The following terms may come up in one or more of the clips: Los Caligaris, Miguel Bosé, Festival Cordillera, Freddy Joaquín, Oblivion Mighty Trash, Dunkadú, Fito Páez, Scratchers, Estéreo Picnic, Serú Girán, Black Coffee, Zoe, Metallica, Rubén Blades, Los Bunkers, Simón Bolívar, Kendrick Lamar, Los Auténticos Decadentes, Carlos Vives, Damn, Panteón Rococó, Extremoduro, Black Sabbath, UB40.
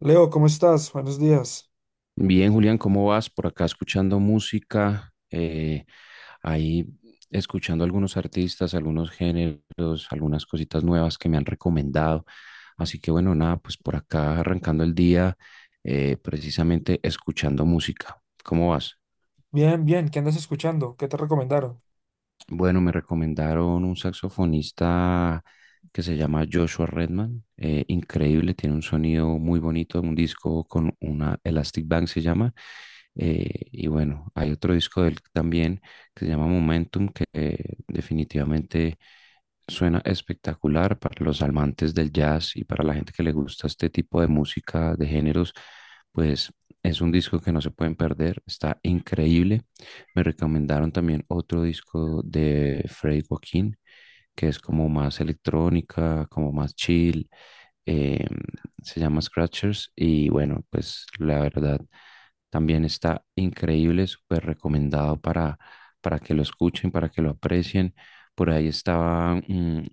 Leo, ¿cómo estás? Buenos días. Bien, Julián, ¿cómo vas? Por acá escuchando música, ahí escuchando algunos artistas, algunos géneros, algunas cositas nuevas que me han recomendado. Así que bueno, nada, pues por acá arrancando el día, precisamente escuchando música. ¿Cómo vas? Bien, bien, ¿qué andas escuchando? ¿Qué te recomendaron? Bueno, me recomendaron un saxofonista que se llama Joshua Redman. Increíble, tiene un sonido muy bonito, un disco con una Elastic Band se llama. Y bueno, hay otro disco de él también que se llama Momentum, que definitivamente suena espectacular para los amantes del jazz y para la gente que le gusta este tipo de música, de géneros, pues es un disco que no se pueden perder, está increíble. Me recomendaron también otro disco de Freddy Joaquín, que es como más electrónica, como más chill. Eh, se llama Scratchers y bueno, pues la verdad también está increíble, súper recomendado para que lo escuchen, para que lo aprecien. Por ahí estaba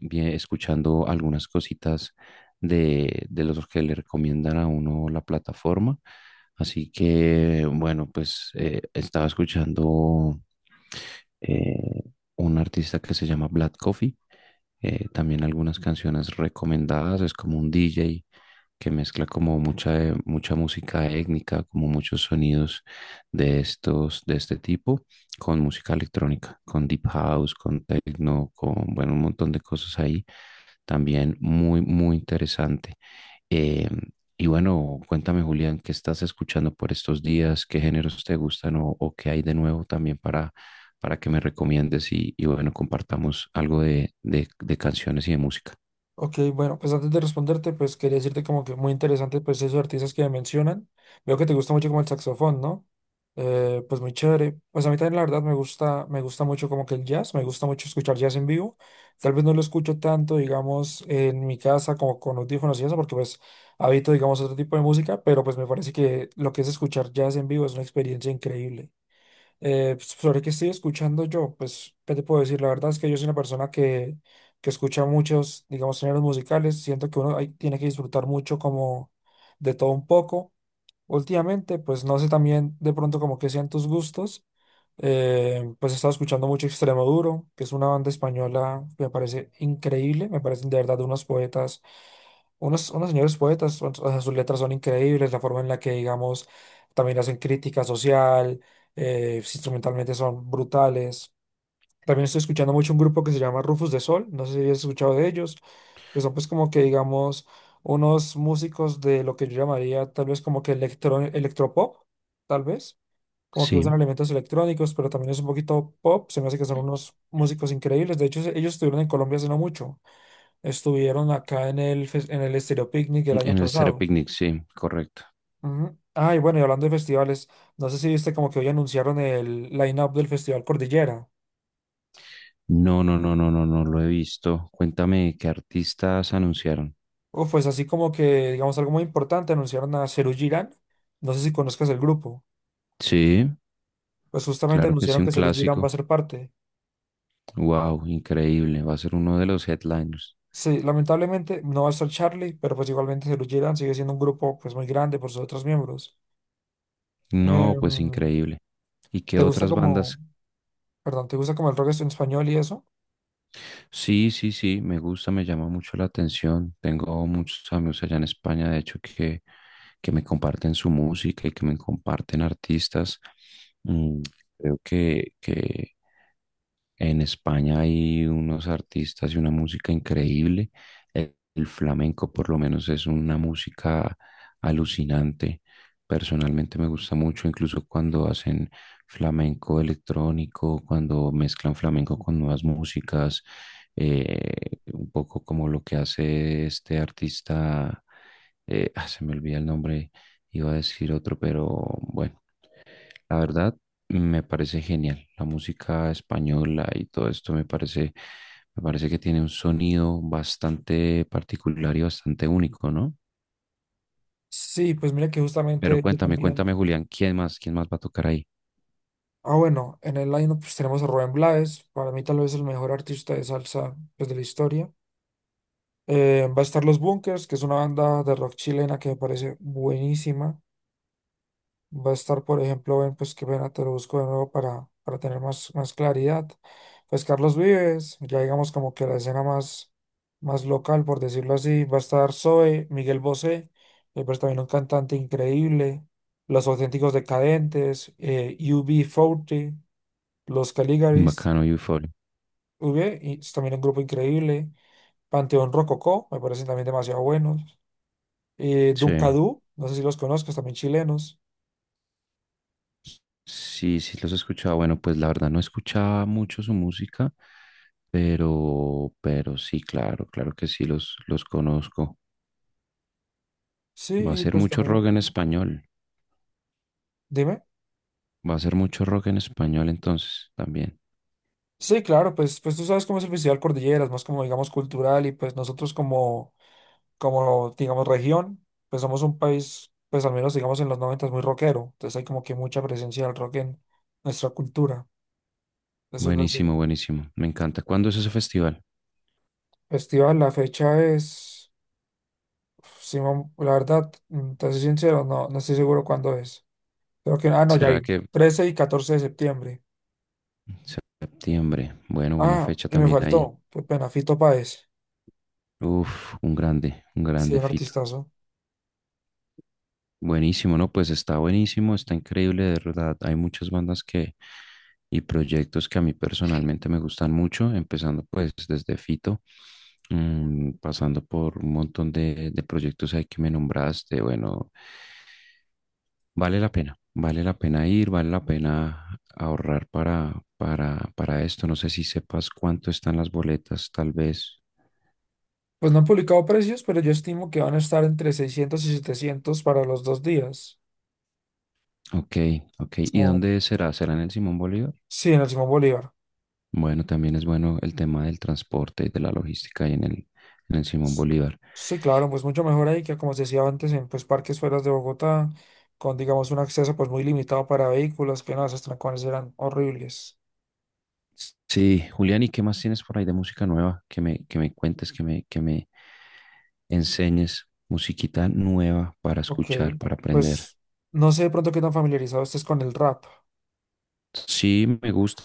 bien, escuchando algunas cositas de los que le recomiendan a uno la plataforma. Así que bueno, pues estaba escuchando eh, un artista que se llama Black Coffee. También algunas canciones recomendadas. Es como un DJ que mezcla como mucha música étnica, como muchos sonidos de estos, de este tipo, con música electrónica, con deep house, con techno, con, bueno, un montón de cosas ahí. También muy, muy interesante. Eh, y bueno, cuéntame, Julián, ¿qué estás escuchando por estos días? ¿Qué géneros te gustan o qué hay de nuevo también para que me recomiendes y bueno, compartamos algo de canciones y de música. Ok, bueno, pues antes de responderte, pues quería decirte como que muy interesante pues esos artistas que me mencionan. Veo que te gusta mucho como el saxofón, ¿no? Pues muy chévere. Pues a mí también la verdad me gusta mucho como que el jazz, me gusta mucho escuchar jazz en vivo. Tal vez no lo escucho tanto, digamos, en mi casa como con audífonos y eso, porque pues habito, digamos, otro tipo de música, pero pues me parece que lo que es escuchar jazz en vivo es una experiencia increíble. Pues, sobre qué estoy escuchando yo, pues, ¿qué te puedo decir? La verdad es que yo soy una persona que escucha muchos, digamos, géneros musicales. Siento que uno tiene que disfrutar mucho como de todo un poco. Últimamente, pues, no sé también de pronto como que sean tus gustos. Pues he estado escuchando mucho Extremoduro, que es una banda española que me parece increíble. Me parecen de verdad unos poetas, unos señores poetas, o sea, sus letras son increíbles, la forma en la que, digamos, también hacen crítica social, instrumentalmente son brutales. También estoy escuchando mucho un grupo que se llama Rufus de Sol, no sé si has escuchado de ellos, que son pues como que, digamos, unos músicos de lo que yo llamaría tal vez como que electro, electropop, tal vez. Como que usan Sí, elementos electrónicos, pero también es un poquito pop. Se me hace que son unos músicos increíbles. De hecho, ellos estuvieron en Colombia hace no mucho. Estuvieron acá en el, en el Estéreo Picnic el año en el Stereo pasado. Picnic, sí, correcto. Ujú. Ah, y bueno, y hablando de festivales, no sé si viste como que hoy anunciaron el line-up del Festival Cordillera. No, no, no, no, no, no lo he visto. Cuéntame qué artistas anunciaron. O pues así como que, digamos, algo muy importante, anunciaron a Serú Girán. No sé si conozcas el grupo. Sí, Pues justamente claro que sí, anunciaron un que Serú Girán va a clásico. ser parte. Wow, increíble. Va a ser uno de los headliners. Sí, lamentablemente no va a estar Charlie, pero pues igualmente Serú Girán sigue siendo un grupo pues muy grande por sus otros miembros. No, pues Em, increíble. ¿Y qué ¿Te gusta otras como, bandas? perdón, te gusta como el rock en español y eso? Sí, sí, sí, me gusta, me llama mucho la atención. Tengo muchos amigos allá en España, de hecho, que me comparten su música y que me comparten artistas. Mm, creo que en España hay unos artistas y una música increíble. El flamenco por lo menos es una música alucinante. Personalmente me gusta mucho, incluso cuando hacen flamenco electrónico, cuando mezclan flamenco con nuevas músicas, un poco como lo que hace este artista, se me olvida el nombre, iba a decir otro, pero bueno, la verdad, me parece genial. La música española y todo esto me parece que tiene un sonido bastante particular y bastante único, ¿no? Sí, pues mira que Pero justamente yo cuéntame, también. cuéntame, Julián, quién más va a tocar ahí? Ah, bueno, en el line pues, tenemos a Rubén Blades, para mí tal vez el mejor artista de salsa pues, de la historia. Va a estar Los Bunkers, que es una banda de rock chilena que me parece buenísima. Va a estar, por ejemplo, ven, pues que pena, te lo busco de nuevo para tener más claridad. Pues Carlos Vives, ya digamos como que la escena más local, por decirlo así. Va a estar Zoe, Miguel Bosé, pues también un cantante increíble. Los Auténticos Decadentes, U B 40, Los Caligaris. Bacano, Euforia. V, y es también un grupo increíble. Panteón Rococó, me parecen también demasiado buenos. Sí, Dunkadú, no sé si los conozcas, también chilenos. sí, sí los escuchaba. Bueno, pues la verdad no escuchaba mucho su música, pero sí, claro, claro que sí los conozco. Sí, Va a y ser pues mucho también, rock en español. dime. Va a ser mucho rock en español entonces también. Sí, claro, pues, pues tú sabes cómo es el Festival Cordilleras, más como digamos cultural y pues nosotros como digamos región, pues somos un país, pues al menos digamos en los noventas muy rockero, entonces hay como que mucha presencia del rock en nuestra cultura, decirlo así. Buenísimo, buenísimo. Me encanta. ¿Cuándo es ese festival? Festival, la fecha es, uf, sí, la verdad, te soy sincero, no, no estoy seguro cuándo es. Creo que, ah, no, ya ¿Será vi. que 13 y 14 de septiembre. septiembre? Bueno, buena Ah, fecha y me también ahí. faltó. Qué pena, Fito Páez. Uf, un Sí, grande un Fito. artistazo. Buenísimo, ¿no? Pues está buenísimo, está increíble, de verdad. Hay muchas bandas que y proyectos que a mí personalmente me gustan mucho, empezando pues desde Fito, pasando por un montón de proyectos ahí que me nombraste, bueno. Vale la pena ir, vale la pena ahorrar para esto. No sé si sepas cuánto están las boletas, tal vez. Pues no han publicado precios, pero yo estimo que van a estar entre 600 y 700 para los 2 días. Ok, ok. ¿Y Como, dónde será? ¿Será en el Simón Bolívar? sí, en el Simón Bolívar. Bueno, también es bueno el tema del transporte y de la logística ahí en el Simón S- Bolívar. Sí, claro, pues mucho mejor ahí que, como se decía antes, en pues, parques fuera de Bogotá, con, digamos, un acceso pues muy limitado para vehículos, que no, esos trancones eran horribles. Sí, Julián, ¿y qué más tienes por ahí de música nueva? Que me cuentes, que me enseñes musiquita nueva para Ok, escuchar, para aprender. pues no sé de pronto qué tan familiarizado estés con el rap. Sí, me gusta.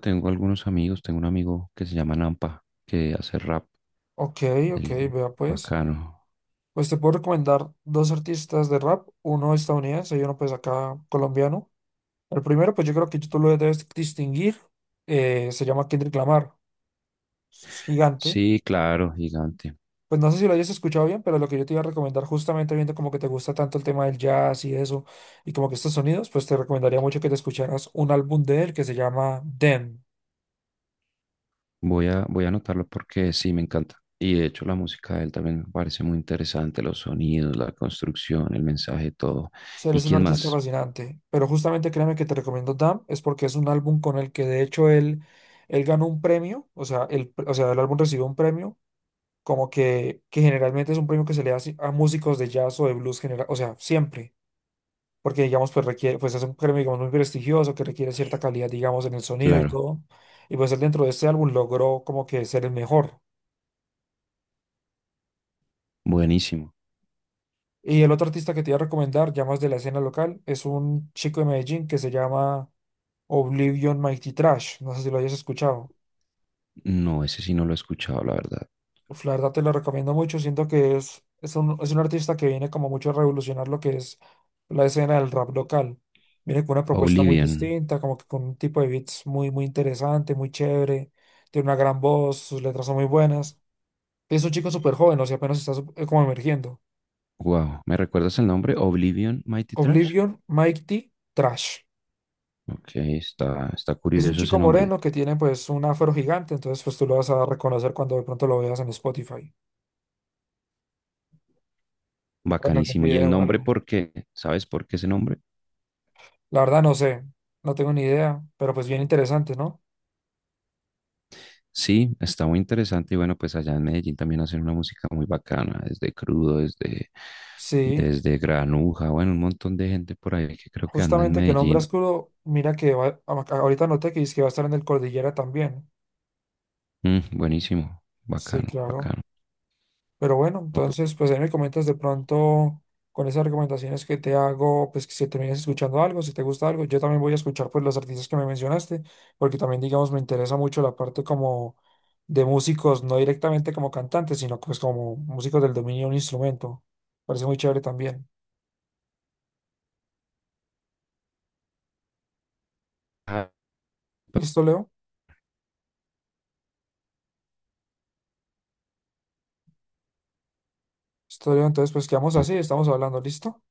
Tengo algunos amigos. Tengo un amigo que se llama Nampa, que hace rap. Ok, ok, El vea pues. bacano. Pues te puedo recomendar dos artistas de rap, uno estadounidense y uno pues acá colombiano. El primero, pues yo creo que tú lo debes distinguir, se llama Kendrick Lamar, es gigante. Sí, claro, gigante. Pues no sé si lo hayas escuchado bien, pero lo que yo te iba a recomendar, justamente viendo como que te gusta tanto el tema del jazz y eso, y como que estos sonidos, pues te recomendaría mucho que te escucharas un álbum de él que se llama Them. Voy a anotarlo porque sí, me encanta. Y de hecho la música de él también me parece muy interesante, los sonidos, la construcción, el mensaje, todo. Sí, él ¿Y es un quién artista más? fascinante, pero justamente créeme que te recomiendo Damn, es porque es un álbum con el que de hecho él, él ganó un premio, o sea, o sea, el álbum recibió un premio, como que generalmente es un premio que se le hace a músicos de jazz o de blues general, o sea, siempre, porque digamos, pues requiere, pues es un premio, digamos, muy prestigioso, que requiere cierta calidad, digamos, en el sonido y Claro, todo, y pues él dentro de este álbum logró como que ser el mejor. buenísimo. Y el otro artista que te iba a recomendar, ya más de la escena local, es un chico de Medellín que se llama... Oblivion Mighty Trash. No sé si lo hayas escuchado. No, ese sí no lo he escuchado, la verdad. Uf, la verdad te lo recomiendo mucho. Siento que es un artista que viene como mucho a revolucionar lo que es la escena del rap local. Viene con una propuesta muy Oblivion. distinta, como que con un tipo de beats muy, muy interesante, muy chévere. Tiene una gran voz, sus letras son muy buenas. Es un chico súper joven, o sea, apenas está como emergiendo. Wow, ¿me recuerdas el nombre? Oblivion Mighty Trash. Oblivion Mighty Trash. Ok, está Es un curioso chico ese nombre. moreno que tiene pues un afro gigante, entonces pues tú lo vas a reconocer cuando de pronto lo veas en Spotify o en algún Bacanísimo. Y el video o nombre, algo. ¿por qué? ¿Sabes por qué ese nombre? La verdad no sé, no tengo ni idea, pero pues bien interesante, ¿no? Sí, está muy interesante. Y bueno, pues allá en Medellín también hacen una música muy bacana, desde Crudo, desde, Sí, desde Granuja, bueno, un montón de gente por ahí que creo que anda en justamente que Medellín. nombras Curo, mira que ahorita noté que dice que va a estar en el Cordillera también. Mm, buenísimo, Sí, bacano, claro. bacano. Pero bueno, No, pues, entonces pues ahí me comentas de pronto con esas recomendaciones que te hago, pues que si terminas escuchando algo, si te gusta algo, yo también voy a escuchar pues los artistas que me mencionaste, porque también digamos me interesa mucho la parte como de músicos, no directamente como cantantes, sino pues como músicos del dominio de un instrumento. Parece muy chévere también. ah, ¿Listo, Leo? Estoy bien, entonces pues quedamos así, estamos hablando, ¿listo?